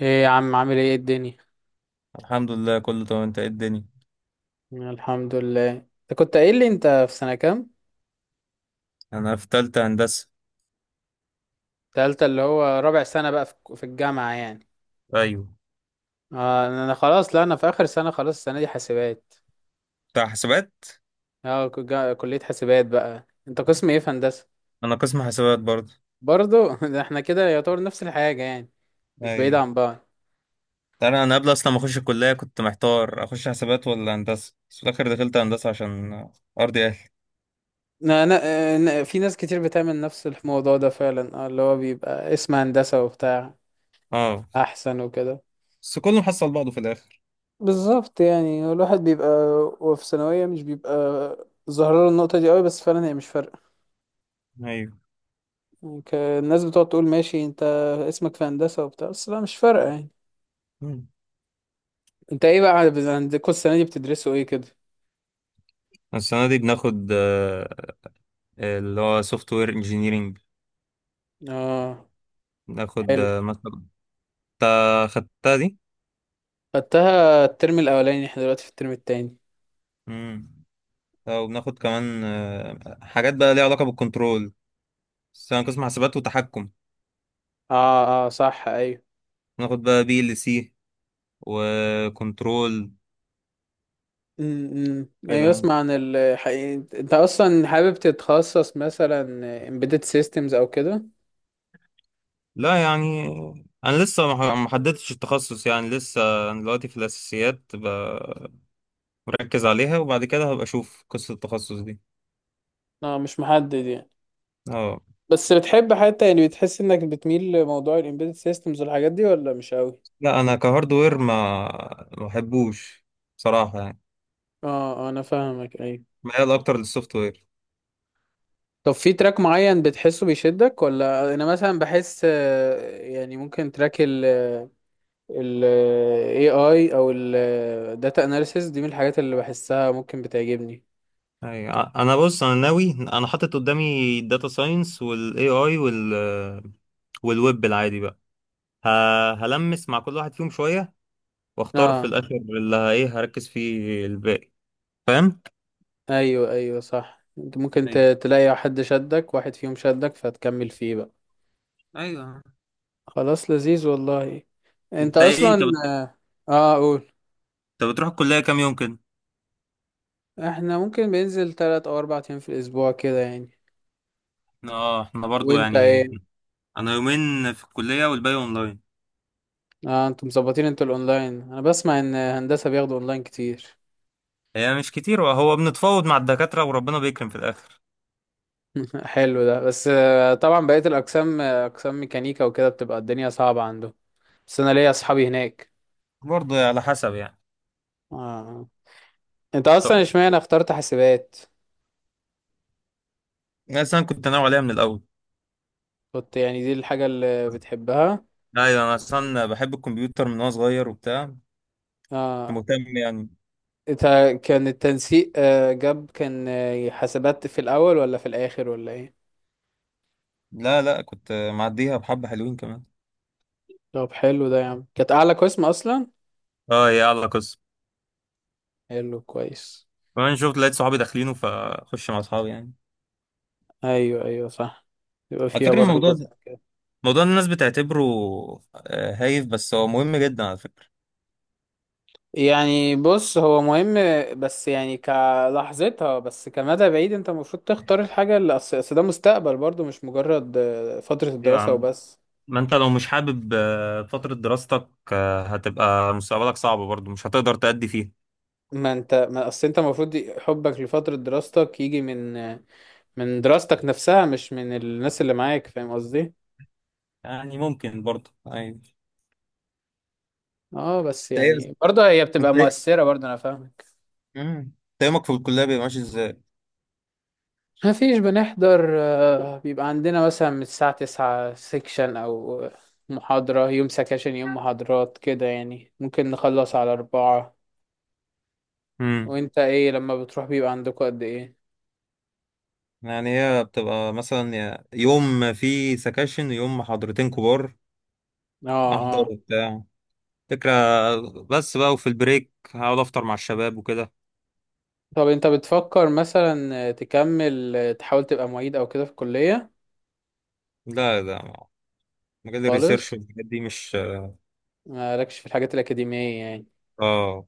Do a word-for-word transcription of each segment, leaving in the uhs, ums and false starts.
ايه يا عم عامل ايه إيه الدنيا. الحمد لله كله تمام. انت ايه الدنيا؟ الحمد لله، انت كنت قايل لي انت في سنة كام؟ انا في تالتة هندسة. تالتة اللي هو رابع سنة بقى في في الجامعة يعني. ايوه، اه انا خلاص، لا انا في اخر سنة خلاص، السنة دي حاسبات. بتاع حسابات. اه ك- جا- كلية حاسبات بقى، انت قسم ايه في هندسة؟ انا قسم حسابات برضه. برضو ده احنا كده يعتبر نفس الحاجة يعني، مش بعيد ايوه، عن بعض. تعالى انا قبل اصلا ما اخش الكلية كنت محتار اخش حسابات ولا هندسة، بس في الاخر دخلت هندسة عشان ارضي اهلي. انا انا آه، أنا- في ناس كتير بتعمل نفس الموضوع ده فعلا، اه اللي هو بيبقى اسم هندسة وبتاع اه، احسن وكده. بس كله محصل بعضه في الاخر. بالظبط، يعني الواحد بيبقى وهو في ثانوية مش بيبقى ظاهر له النقطة دي قوي، بس فعلا هي مش فارقة ايوه. يعني. ك- الناس بتقعد تقول ماشي انت اسمك في هندسة وبتاع، بس لا مش فارقة يعني. مم. انت ايه بقى عندكم السنة دي بتدرسوا ايه كده؟ السنة دي بناخد آه، اللي هو سوفت وير انجينيرنج. اه، بناخد حلو. آه، مثلا انت خدتها دي؟ خدتها الترم الأولاني، احنا دلوقتي في الترم التاني. امم. وبناخد كمان آه، حاجات بقى ليها علاقة بالكنترول، بس انا قسم حسابات وتحكم. اه اه صح، ايوه. ناخد بقى بي ال سي وكنترول امم كده ايوه، يعني. اسمع عن الحقيقة انت اصلا حابب تتخصص مثلا embedded systems او كده؟ لا يعني انا لسه ما ما حددتش التخصص، يعني لسه انا دلوقتي في الاساسيات، ب- مركز عليها وبعد كده هبقى اشوف قصة التخصص دي. اه مش محدد يعني. اه. بس بتحب حتى يعني بتحس انك بتميل لموضوع الامبيدد سيستمز والحاجات دي ولا مش قوي؟ لا انا كهاردوير ما ما بحبوش بصراحة يعني. اه، آه، انا فاهمك، ايوه. ميال اكتر للسوفت وير. طب في تراك معين بتحسه بيشدك؟ ولا انا مثلا بحس آه، يعني ممكن تراك ال ال A I او ال data analysis دي من الحاجات اللي بحسها ممكن بتعجبني. ايوه، انا بص انا ناوي، انا حاطط قدامي الداتا ساينس والاي اي وال والويب العادي بقى. ه- هلمس مع كل واحد فيهم شوية واختار في اه الاخر اللي ه- ايه هركز فيه الباقي. فاهم. ايوه ايوه صح، انت ممكن ت- ايوه تلاقي حد شدك، واحد فيهم شدك فتكمل فيه بقى. ايوه. خلاص، لذيذ والله. انت انت ايه انت اصلا بت... اه، آه، قول. انت بتروح الكليه كام يوم كده؟ احنا ممكن بننزل تلات او اربع ايام في الاسبوع كده يعني. اه احنا برضو وانت يعني. ايه؟ انا يومين في الكليه والباقي اونلاين. اه انتوا مظبطين، انتوا الاونلاين، انا بسمع ان هندسة بياخدوا اونلاين كتير. هي مش كتير، وهو بنتفاوض مع الدكاترة وربنا بيكرم في الاخر. حلو ده، بس آه، طبعا بقية الاقسام، آه، اقسام ميكانيكا وكده بتبقى الدنيا صعبة عندهم، بس انا ليا اصحابي هناك. برضو يعني على حسب يعني. اه انت طب اصلا اشمعنى اخترت حاسبات؟ أنا اصلا كنت ناوي عليها من الاول. كنت يعني دي الحاجة اللي بتحبها؟ ايوه انا اصلا بحب الكمبيوتر من وانا صغير وبتاع. كنت اه مهتم يعني. انت كان التنسيق، آه، جاب كان آه، حاسبات في الاول ولا في الاخر ولا ايه؟ لا لا، كنت معديها بحبة حلوين كمان. طب حلو ده يا عم، كانت اعلى قسم اصلا. اه يا الله قصة. حلو كويس. كمان شفت لقيت صحابي داخلينه فخش مع اصحابي يعني. ايوه ايوه صح، يبقى على فيها فكرة برضو الموضوع جزء ده، كده. موضوع الناس بتعتبره آه، هايف، بس هو مهم جدا على فكرة. يعني بص هو مهم، بس يعني كلحظتها، بس كمدى بعيد انت المفروض تختار الحاجة اللي اصل، أصل ده مستقبل برضو، مش مجرد آه، فترة ايوه يا الدراسة عم، وبس. ما انت لو مش حابب آه، فترة دراستك آه، هتبقى مستقبلك صعب برضه، مش هتقدر تأدي فيها. ما انت، ما اصل انت المفروض ي- حبك لفترة دراستك يجي من آه، من دراستك نفسها، مش من الناس اللي معاك، فاهم قصدي؟ يعني ممكن برضه، ايوه. اه بس انت ايه. يعني برضه هي بتبقى انت ايه. مؤثرة، برضه انا فاهمك. مم. انت يومك في الكلية بيبقى ماشي ازاي؟ ما فيش، بنحضر آه، بيبقى عندنا مثلا من الساعة تسعة سيكشن أو محاضرة، يوم سكاشن يوم محاضرات كده يعني، ممكن نخلص على أربعة. امم، وأنت إيه لما بتروح بيبقى عندكوا قد إيه؟ يعني هي بتبقى مثلا يا- يوم في سكاشن يوم محاضرتين كبار. آه. احضر آه. وبتاع فكرة. بس بقى وفي البريك هقعد افطر مع الشباب وكده. طب أنت بتفكر مثلا تكمل، تحاول تبقى معيد أو كده في الكلية؟ لا لا، مجال الريسيرش خالص، والحاجات دي مش. مالكش في الحاجات الأكاديمية يعني. اه،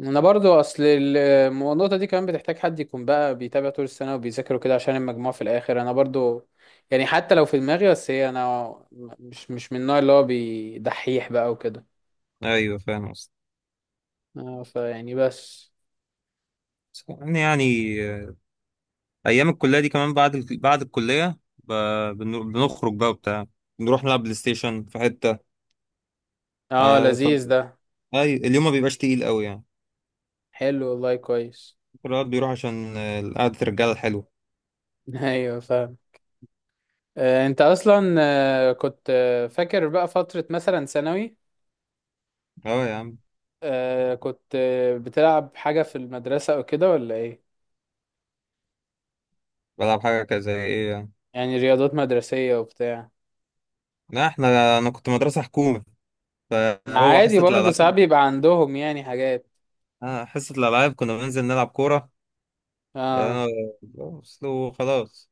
انا برضو اصل ال- النقطه دي كمان بتحتاج حد يكون بقى بيتابع طول السنه وبيذاكر وكده عشان المجموع في الاخر، انا برضو يعني حتى لو في دماغي بس، هي انا مش مش من النوع اللي هو بيدحيح بقى وكده. ايوه فاهم قصدي. اه فيعني بس. بس يعني يعني آه، ايام الكليه دي كمان بعد ال... بعد الكليه ب... بن- بنخرج بقى وبتاع، نروح نلعب بلاي ستيشن في حته. اه آه ف... لذيذ ده، أي... اليوم ما بيبقاش تقيل قوي يعني. حلو والله كويس. الواحد بيروح عشان آه، قعده الرجاله الحلوه. ايوه فاهم. آه انت اصلا آه كنت آه، فاكر بقى فتره مثلا ثانوي، اه يا عم. آه كنت آه، بتلعب حاجه في المدرسه او كده ولا ايه؟ بلعب حاجه كذا ايه يعني. يعني رياضات مدرسيه وبتاع. لا احنا، انا كنت مدرسه حكومه ما فهو عادي حصه برضه، الالعاب. ساعات بيبقى عندهم يعني حاجات. آه حصه الالعاب كنا بننزل نلعب كوره. اه آه بس لو خلاص.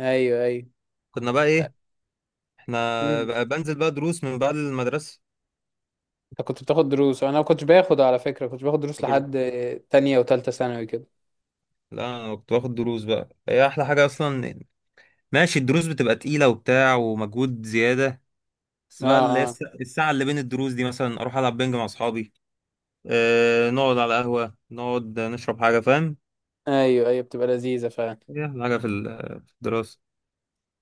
ايوه ايوه. كنا بقى ايه، احنا امم. بقى بنزل بقى دروس من بعد المدرسة. انت كنت بتاخد دروس؟ انا ما كنتش باخد على فكره، كنت باخد دروس ما كنتش- لحد تانية وتالتة ثانوي كده. لا انا كنت باخد دروس بقى، هي احلى حاجة اصلا. ماشي الدروس بتبقى تقيلة وبتاع ومجهود زيادة، بس اه بقى اللي هي اه الس- الساعة اللي بين الدروس دي مثلا اروح العب بينج مع اصحابي. اه، نقعد على قهوة نقعد نشرب حاجة. فاهم، ايوه ايوه، بتبقى لذيذه فعلا. هي احلى حاجة في ال- في الدراسة.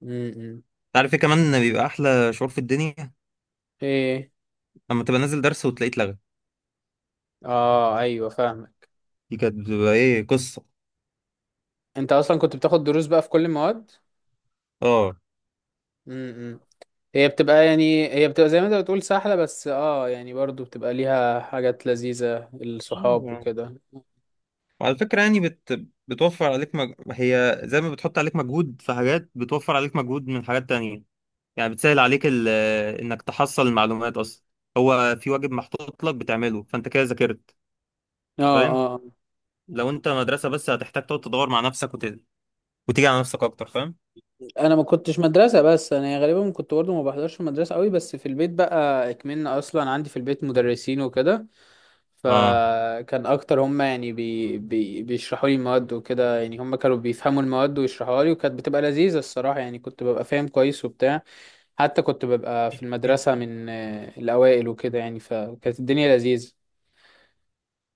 امم. عارف ايه كمان؟ إن بيبقى احلى شعور في الدنيا ايه؟ لما تبقى نازل درس وتلاقيه اتلغى. اه ايوه فاهمك. دي كانت بتبقى ايه قصة. انت اصلا كنت بتاخد دروس بقى في كل المواد؟ امم، هي بتبقى يعني، هي بتبقى زي ما انت بتقول سهله، بس اه يعني برضه بتبقى ليها حاجات لذيذه، الصحاب اه. وكده، اه. وعلى فكرة يعني بت... بتوفر عليك مج... هي زي ما بتحط عليك مجهود في حاجات، بتوفر عليك مجهود من حاجات تانية. يعني بتسهل عليك ال... انك تحصل المعلومات اصلا. هو في واجب محطوط لك بتعمله، فانت كده ذاكرت. اه. فاهم؟ آه. لو انت مدرسة بس هتحتاج تقعد تدور مع نفسك وت... وتيجي على نفسك اكتر. فاهم؟ انا ما كنتش مدرسه، بس انا غالبا كنت برضو ما بحضرش في المدرسه قوي، بس في البيت بقى اكملنا، اصلا عندي في البيت مدرسين وكده، اه فكان اكتر هم يعني بي بي بيشرحوا لي المواد وكده، يعني هم كانوا بيفهموا المواد ويشرحوها لي، وكانت بتبقى لذيذه الصراحه يعني، كنت ببقى فاهم كويس وبتاع. حتى كنت ببقى في المدرسه من آه، الاوائل وكده، يعني فكانت الدنيا لذيذه.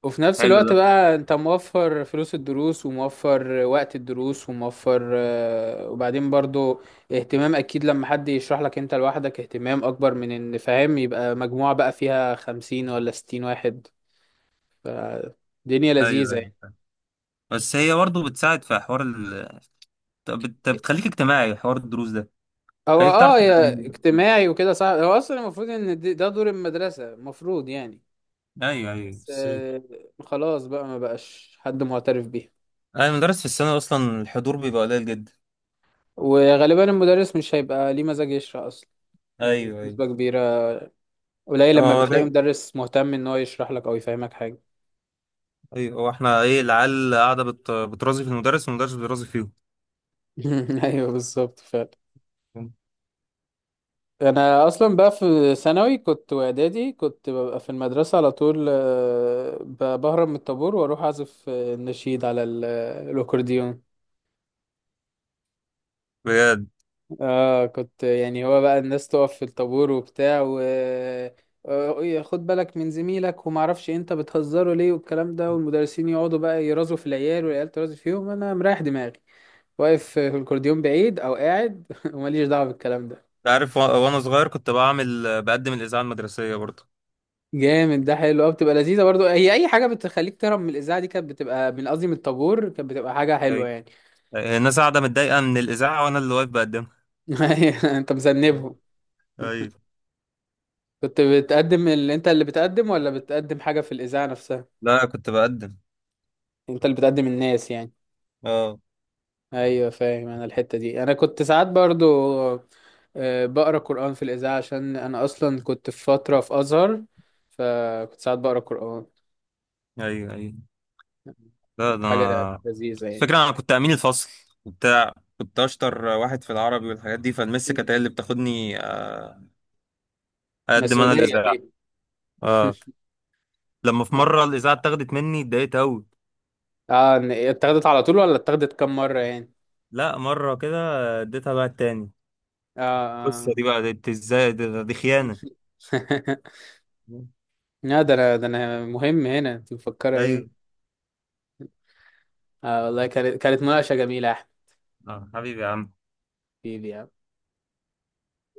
وفي نفس حلو الوقت ده. بقى انت موفر فلوس الدروس وموفر وقت الدروس وموفر آه، وبعدين برضو اهتمام، اكيد لما حد يشرح لك انت لوحدك اهتمام اكبر من ان فاهم يبقى مجموعة بقى فيها خمسين ولا ستين واحد، فالدنيا ايوه لذيذة ايوه يعني. فاهم. بس هي برضه بتساعد في حوار ال... بت... بتخليك اجتماعي، حوار الدروس ده هو خليك تعرف اه كده. يا اجتماعي وكده، صح، هو اصلا المفروض ان دي- ده دور المدرسة المفروض يعني. ايوه ايوه بس بس. آه، خلاص بقى ما بقاش حد معترف بيه. اي مدرس في السنة اصلا الحضور بيبقى قليل جدا. وغالبا المدرس مش هيبقى ليه مزاج يشرح اصلا، يعني ايوه ايوه. بنسبة كبيرة. قليل لما اه بتلاقي ده- مدرس مهتم ان هو يشرح لك او يفهمك حاجه. ايوه، هو احنا ايه، العيال قاعدة بت... بترازي في المدرس والمدرس بيرازي فيهم. ايوه بالظبط فعلا. انا اصلا بقى في ثانوي كنت واعدادي كنت ببقى في المدرسه على طول، آه، ب- بهرب من الطابور واروح اعزف، آه، النشيد على ال- آه، الاكورديون. بجد. اه كنت يعني، هو بقى الناس تقف في الطابور وبتاع، و آه، إيه، خد بالك من زميلك وما اعرفش إيه، انت بتهزره ليه والكلام ده، والمدرسين يقعدوا بقى يرازوا في العيال والعيال ترازي فيهم، انا مريح دماغي واقف في الكورديون بعيد او قاعد وماليش دعوه بالكلام ده. أنت عارف و... وانا صغير كنت بعمل بقدم الإذاعة المدرسية برضه. جامد ده، حلو قوي، بتبقى لذيذه برضو، هي اي حاجه بتخليك تهرب من الاذاعه دي كانت بتبقى، من قصدي من الطابور، كانت بتبقى حاجه حلوه ايوه. يعني. أيوة، الناس قاعدة متضايقة من الإذاعة وانا اللي واقف بقدمها. انت ايوه مذنبهم. ايوه. كنت بتقدم، اللي انت اللي بتقدم ولا بتقدم حاجه في الاذاعه نفسها؟ لا كنت بقدم. انت اللي بتقدم الناس يعني. اه ايوه فاهم. انا الحته دي انا كنت ساعات برضو آه، بقرا قران في الاذاعه، عشان انا اصلا كنت في فتره في ازهر، فكنت ساعات بقرا قران. ايوه ايوه. لا ده كانت حاجه انا، لذيذه يعني. الفكرة انا كنت امين الفصل وبتاع. كنت اشطر واحد في العربي والحاجات دي، فالمس كانت هي اللي بتاخدني آه، اقدم انا مسؤولية الإذاعة. دي. اه لما في مرة الإذاعة اتاخدت مني اتضايقت أوي. اه إن- اتاخدت على طول ولا اتاخدت كم مرة يعني؟ لا مرة كده اديتها بقى التاني. اه. القصة دي بقى دي إزاي؟ دي، دي خيانة. اه. لا ده انا، ده انا مهم هنا، انت مفكرة أيوه. ايه؟ اه والله كانت، كانت مناقشة جميلة يا احمد. آه حبيبي يا عم. حبيبي.